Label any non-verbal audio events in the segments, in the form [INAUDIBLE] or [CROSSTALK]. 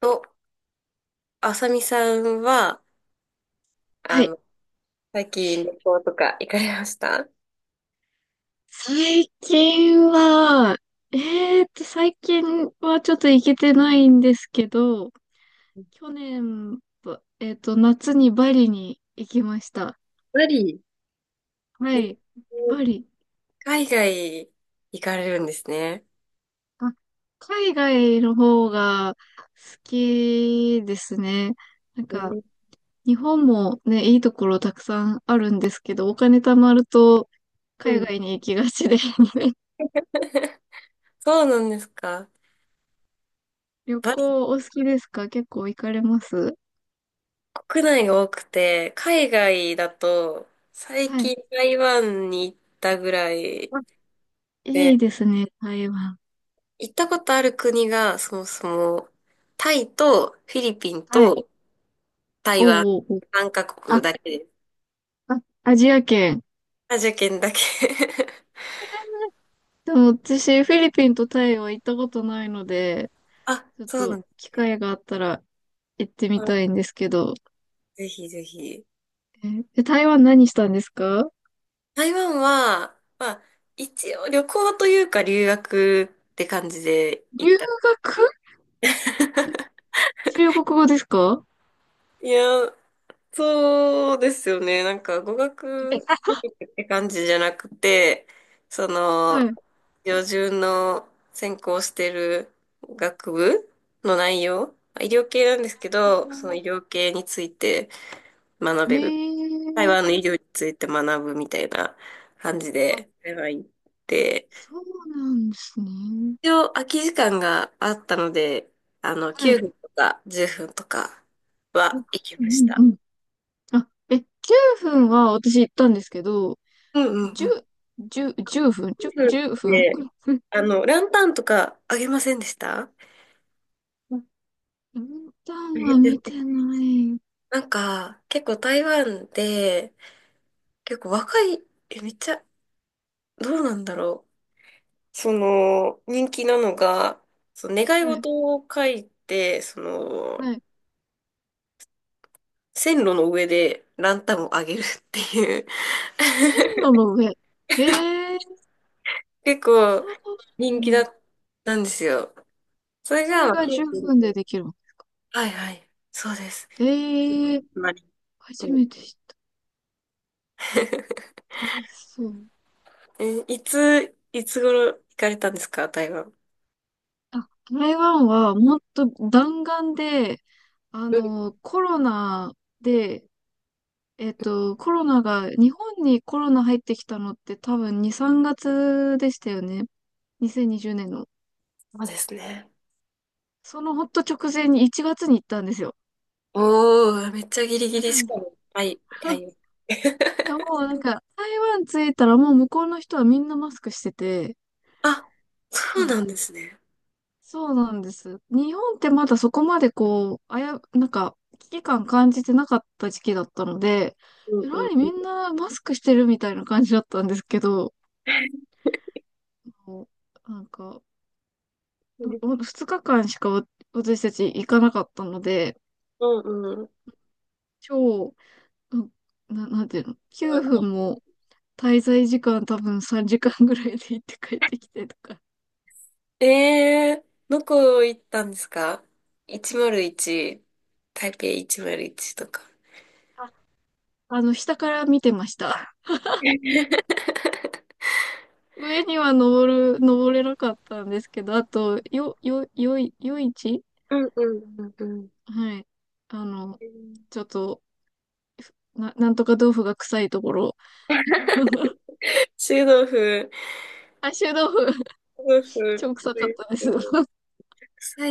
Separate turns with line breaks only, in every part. と、あさみさんは、あ
はい。
の、最近旅行とか行かれました？
最近は、えーっと、最近ちょっと行けてないんですけど、去年、ばえーっと、夏にバリに行きました。
バリ
は
で
い。バリ。
海外行かれるんですね。
あ、海外の方が好きですね。なん
え
か、
ー、
日本もね、いいところたくさんあるんですけど、お金貯まると
う
海
ん。
外に行きがちで [LAUGHS]
[LAUGHS] そうなんですか。
旅
バリ
行お好きですか？結構行かれます
国内が多くて、海外だと、最
はい。
近台湾に行ったぐらい
いい
で、
ですね、台湾。
行ったことある国が、そもそも、タイとフィリピン
はい。
と台湾、
おうおうおう。
3カ国
あ、
だけです。
あ、アジア圏。
アジア圏だけ。
でも私、フィリピンとタイは行ったことないので、
あ、
ちょっ
そうな
と
んで
機
すね。
会があったら行ってみた
あ、
いんですけど。
ぜひぜひ。
えで台湾何したんですか？
台湾は、まあ、一応旅行というか留学って感じで
留
行った。
学？
[LAUGHS]
中国語ですか？
いや、そうですよね。なんか語学っ
[LAUGHS]
て感じじゃなくて、そ
は
の、
い。
標準の専攻してる学部の内容、まあ医療系なんですけど、その医療系について学
え
べる。台
ー、
湾の医療について学ぶみたいな感じ
あ、
で、台湾行って、
そうなんですね。
一応空き時間があったので、
は
9
い。
分とか10分とか
う
は
ん
行き
う
まし
んう
た。
ん。あ、9分は私行ったんですけど、
うんうん
十、
うん。9分っ
十分。
て
[LAUGHS]
ランタンとかあげませんでした？あ
分担
げ
は
てな
見
い。
てない。
なんか、結構台湾で、結構若い、え、めっちゃ、どうなんだろう。その、人気なのが、その願い
はい、
事を書いて、その、
はい。
線路の上でランタンをあげるっていう
線
[LAUGHS]
路の上。へえ、
結
そ
構
う
人気
な
だ
んだ。
ったんですよ。それ
そ
が、
れ
まあ、
が10分でできるの？
はいはい。そうです。
へえ、
う
初
ん
めて知っ
[LAUGHS]
た。楽しそう。
え、いつ頃行かれたんですか、台湾？
あ、台湾はもっと弾丸で、
うん、そ
コロナで、コロナが、日本にコロナ入ってきたのって多分2、3月でしたよね。2020年の。
うですね。
そのほんと直前に1月に行ったんですよ。
おー、めっちゃギリギリしかも。
[LAUGHS]
はい、はい。[LAUGHS]
でももうなんか、台湾着いたらもう向こうの人はみんなマスクしてて、
あ、そ
う
うな
ん。
んですね。
そうなんです。日本ってまだそこまでこう、なんか、危機感感じてなかった時期だったので、
う
え
ん
ら
うん
い
う
み
ん。
んなマスクしてるみたいな感じだったんですけど、もうなんか、2日間しか私たち行かなかったので、
うんうん。
超、うんなんていうの、9分も滞在時間多分3時間ぐらいで行って帰ってきてとか。
ええー、どこ行ったんですか？ 101、台北101とか？
あ下から見てました。上には登れなかったんですけど、あと、よ、よ、よい、夜市。
うんうんうんうん。
はい。あの、
うん。
ちょっと、なんとか豆腐が臭いところ。[LAUGHS]
臭豆腐、
あ、臭豆腐、
臭豆腐、
超臭
臭い
かっ
で
たで
すよ
す。
ね？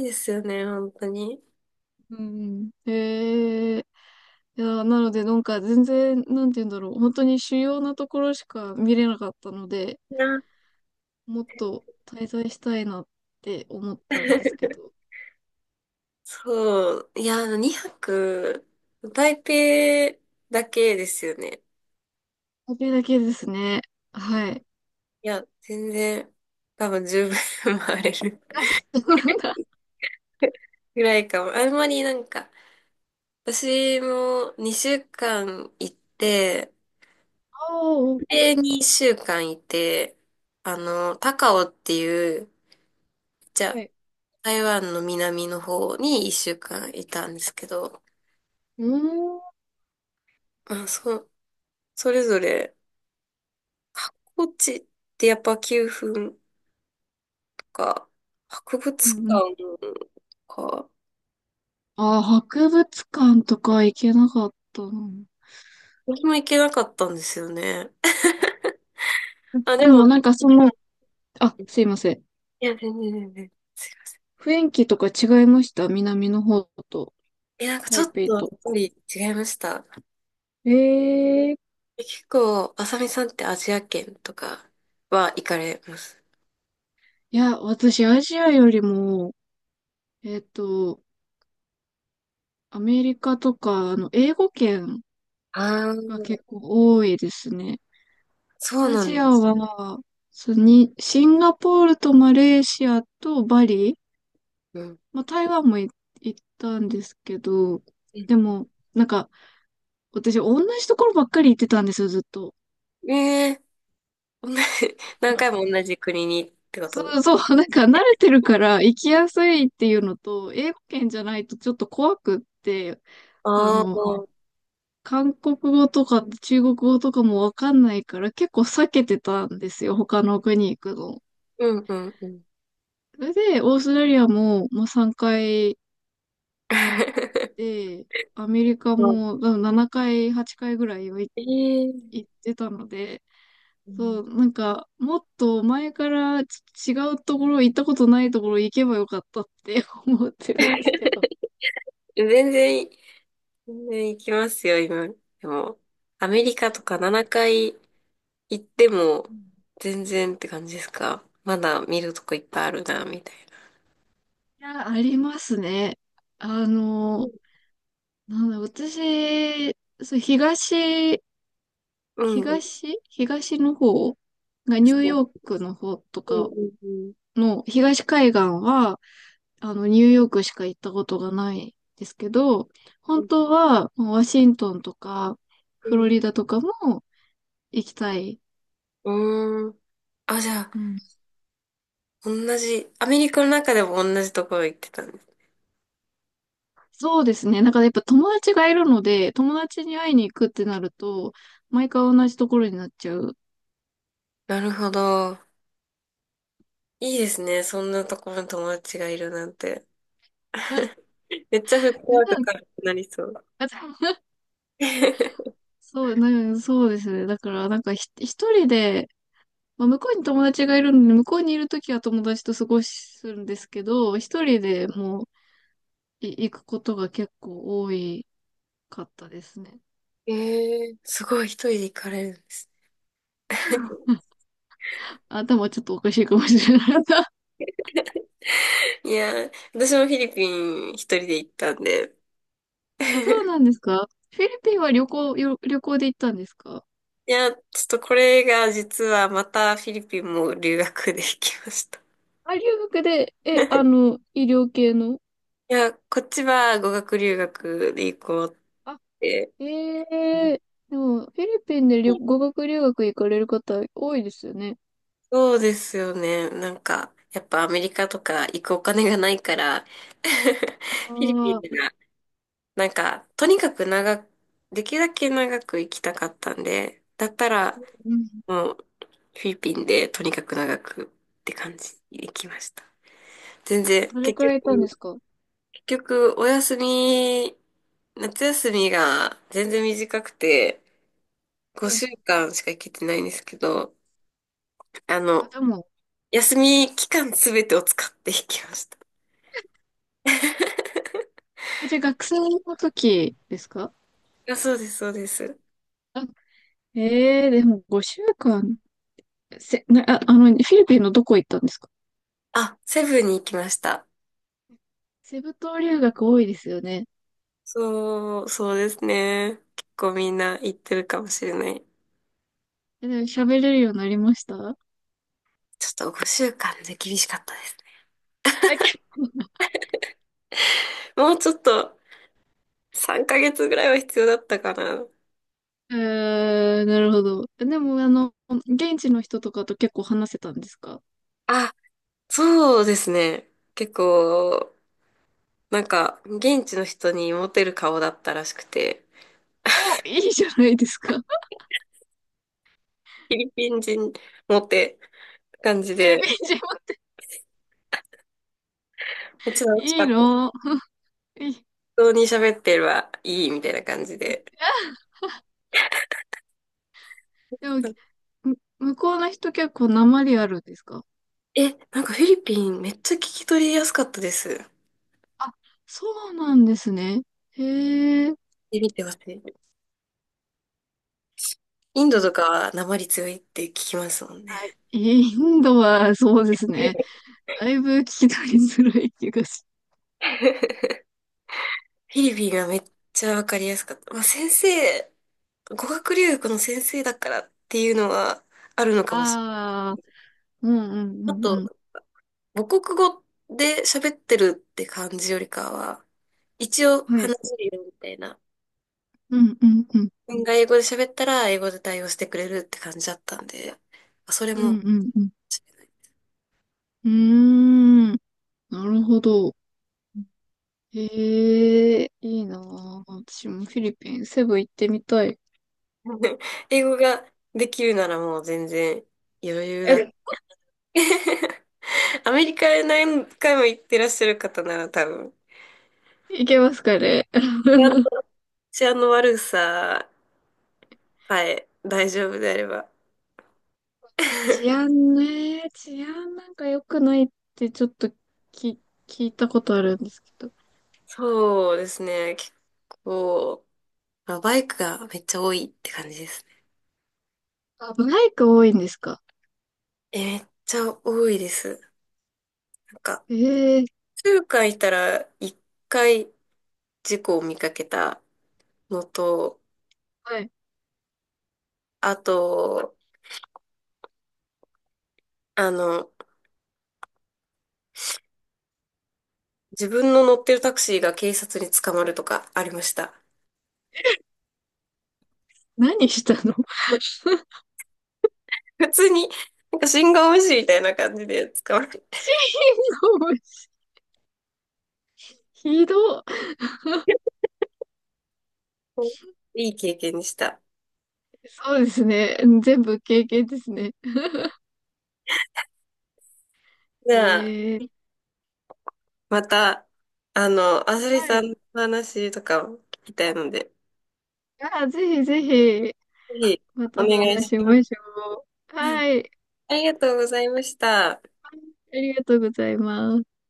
本当に。
うんうん。へえ。いや、なので、なんか全然、なんて言うんだろう。本当に主要なところしか見れなかったので、
いや
もっと滞在したいなって思ったんですけ
[LAUGHS]、
ど、
そう。いや、2泊、台北だけですよね。
それだけですね。はい。
いや、全然、多分十分 [LAUGHS] 回れる
あ、そうなんだ。
[LAUGHS] ぐらいかも。あんまりなんか、私も2週間行って、
おー、
で、2週間いて、高雄っていう、じゃ
は
あ、
い。
台湾の南の方に1週間いたんですけど、
うーん。
まあ、それぞれ、箱地ってやっぱ9分とか、博物
うんうん。
館とか、
博物館とか行けなかったな。
私も行けなかったんですよね。[LAUGHS] あ、
で
で
も
も、
なんかその、あ、すいません。
いや、全然全然。
雰囲気とか違いました？南の方と、
え、なんかちょ
台
っ
北
とやっ
と。
ぱり違いました。
ええ、
結構、あさみさんってアジア圏とかは行かれます？
いや、私アジアよりも、えっと、アメリカとか、英語圏
あ
が
ー、
結構多いですね。
そう
ア
な
ジ
んだ。
アは、そうに、シンガポールとマレーシアとバリ、
うん。
まあ、台湾も行ったんですけど、
う
で
ん。
も、なんか、私、同じところばっかり行ってたんですよ、ずっと。
えー同じ [LAUGHS]、何回も同じ国にってこ
そ
と？
うそう、[LAUGHS] なんか慣れてるから行きやすいっていうのと、英語圏じゃないとちょっと怖くって、あ
ああ
の、
ー、
韓国語とか中国語とかもわかんないから結構避けてたんですよ、他の国行くの。
うんうんうん。
それで、オーストラリアも、まあ、3回行っ
[LAUGHS]
て、アメリカ
そう。
も多分7回、8回ぐらいは
ええー、
行ってたので、
う
そ
ん。
う、なんか、もっと前から違うところ、行ったことないところ行けばよかったって [LAUGHS] 思ってるんです
[LAUGHS]
けど。
全然、全然行きますよ、今。でも、アメリカとか7回行っても、全然って感じですか？まだ見るとこいっぱいあるな、みたいな。
いや、ありますね。あの、
う
なんだ、私、そう、
んうん。
東の方がニューヨークの方と
うん
か
うんうん。
の東海岸は、ニューヨークしか行ったことがないですけど、
う
本
ん。
当は、もうワシントンとか、
う
フロ
ん。
リダとかも行きたい。
うーん。あ、じゃあ、
うん。
同じ、アメリカの中でも同じところ行ってたんです？
そうですね。なんかやっぱ友達がいるので、友達に会いに行くってなると、毎回同じところになっちゃう。
なるほど。いいですね。そんなところに友達がいるなんて。
うん。
めっちゃフット
う
ワーク
ん、
軽くなりそう。
あ [LAUGHS]
[LAUGHS] え
そう、なんかそうですね。だからなんか一人で、まあ、向こうに友達がいるので、向こうにいるときは友達と過ごすんですけど、一人でもう行くことが結構多いかったですね。
ー、すごい、一人で行かれるんです？
[LAUGHS] うん。頭ちょっとおかしいかもしれない。[LAUGHS]
いやー、私もフィリピン一人で行ったんで。
そう
[LAUGHS]
なんですか？フィリピンは旅行で行ったんですか？
いや、ちょっとこれが実はまたフィリピンも留学で行きました。
あ、留学で、え、あ
[LAUGHS]
の、医療系の。
いや、こっちは語学留学で行こうっ
あ、
て。
ええ、でも、フィリピンで語学留学行かれる方多いですよね。
そうですよね。なんか、やっぱアメリカとか行くお金がないから [LAUGHS] フィリピン
ああ、
が、なんか、とにかく長く、できるだけ長く行きたかったんで、だったら、
うん。
もう、フィリピンでとにかく長くって感じで行きました。全然、
どれ
結
くらいいたんで
局、
すか？
お休み、夏休みが全然短くて、
はい。
5週間しか行けてないんですけど、あ
あ、
の、
でも、
休み期間すべてを使って行きました。
あ、じゃあ学生の時ですか？
あ、そうです、そうです。
ええ、でも5週間、せ、な、あ、あの、フィリピンのどこ行ったんですか？
あ、セブンに行きました。
セブ島留学多いですよね。
そう、そうですね。結構みんな行ってるかもしれない。
でも喋れるようになりました？
ちょっと5週間で厳しかったですね。
え、あき
もうちょっと3ヶ月ぐらいは必要だったかな。
えー、なるほど。でも、現地の人とかと結構話せたんですか？
あ、そうですね。結構、なんか、現地の人にモテる顔だったらしくて、
お、いいじゃないですか。[LAUGHS]
フィリピン人モテ感じ
フィリピ
で、
ン人もって。
めっちゃ楽し
い
か
い
った。
の？いい。
人に喋ってればいいみたいな感じで。
でも、向こうの人結構訛りあるんですか？
え、なんかフィリピンめっちゃ聞き取りやすかったです。
あ、そうなんですね。へえ。
見てみてほしい。インドとかなまり強いって聞きますもんね。
はい。インドはそうです
[LAUGHS]
ね。
フ
だいぶ聞き取りづらい気がし。
ィリピンがめっちゃわかりやすかった。まあ、先生、語学留学の先生だからっていうのはあるのかもしれ
ああ、うんうん
な
う
い。あ
んうん。
と、母国語で喋ってるって感じよりかは、一応
はい。
話せるよみたいな。
うんうんうん。
自分が英語で喋ったら英語で対応してくれるって感じだったんで、それ
うん
も、
うんうん。うーん。なるほど。へえ、いいなあ。私もフィリピン、セブ行ってみたい。
[LAUGHS] 英語ができるならもう全然余裕だ。[LAUGHS] アメリカへ何回も行ってらっしゃる方なら多分、
行けますかね。
私あの悪ささえ大丈夫であれば。
治
[LAUGHS]
安ね、治安なんか良くないってちょっとき、聞いたことあるんですけど。
そうですね、結構、まあバイクがめっちゃ多いって感じですね。
あ、バイク多いんですか？
え、めっちゃ多いです。なんか、
ええ、
数回いたら1回事故を見かけたのと、
はい。
あと、あの、自分の乗ってるタクシーが警察に捕まるとかありました。
何したの？ [LAUGHS]
普通に、なんか信号無視みたいな感じで捕まる。
死の思い、ひど
いい経験でした。
そうですね。全部経験ですね。
じゃあ、
ええ、
また、あさり
は
さ
い。
んの話とかを聞きたいので、
あ、ぜひぜひ。
ぜひ
ま
お
た
願い
話
し
し
ます。
ましょう。はい。
ありがとうございました。
ありがとうございます。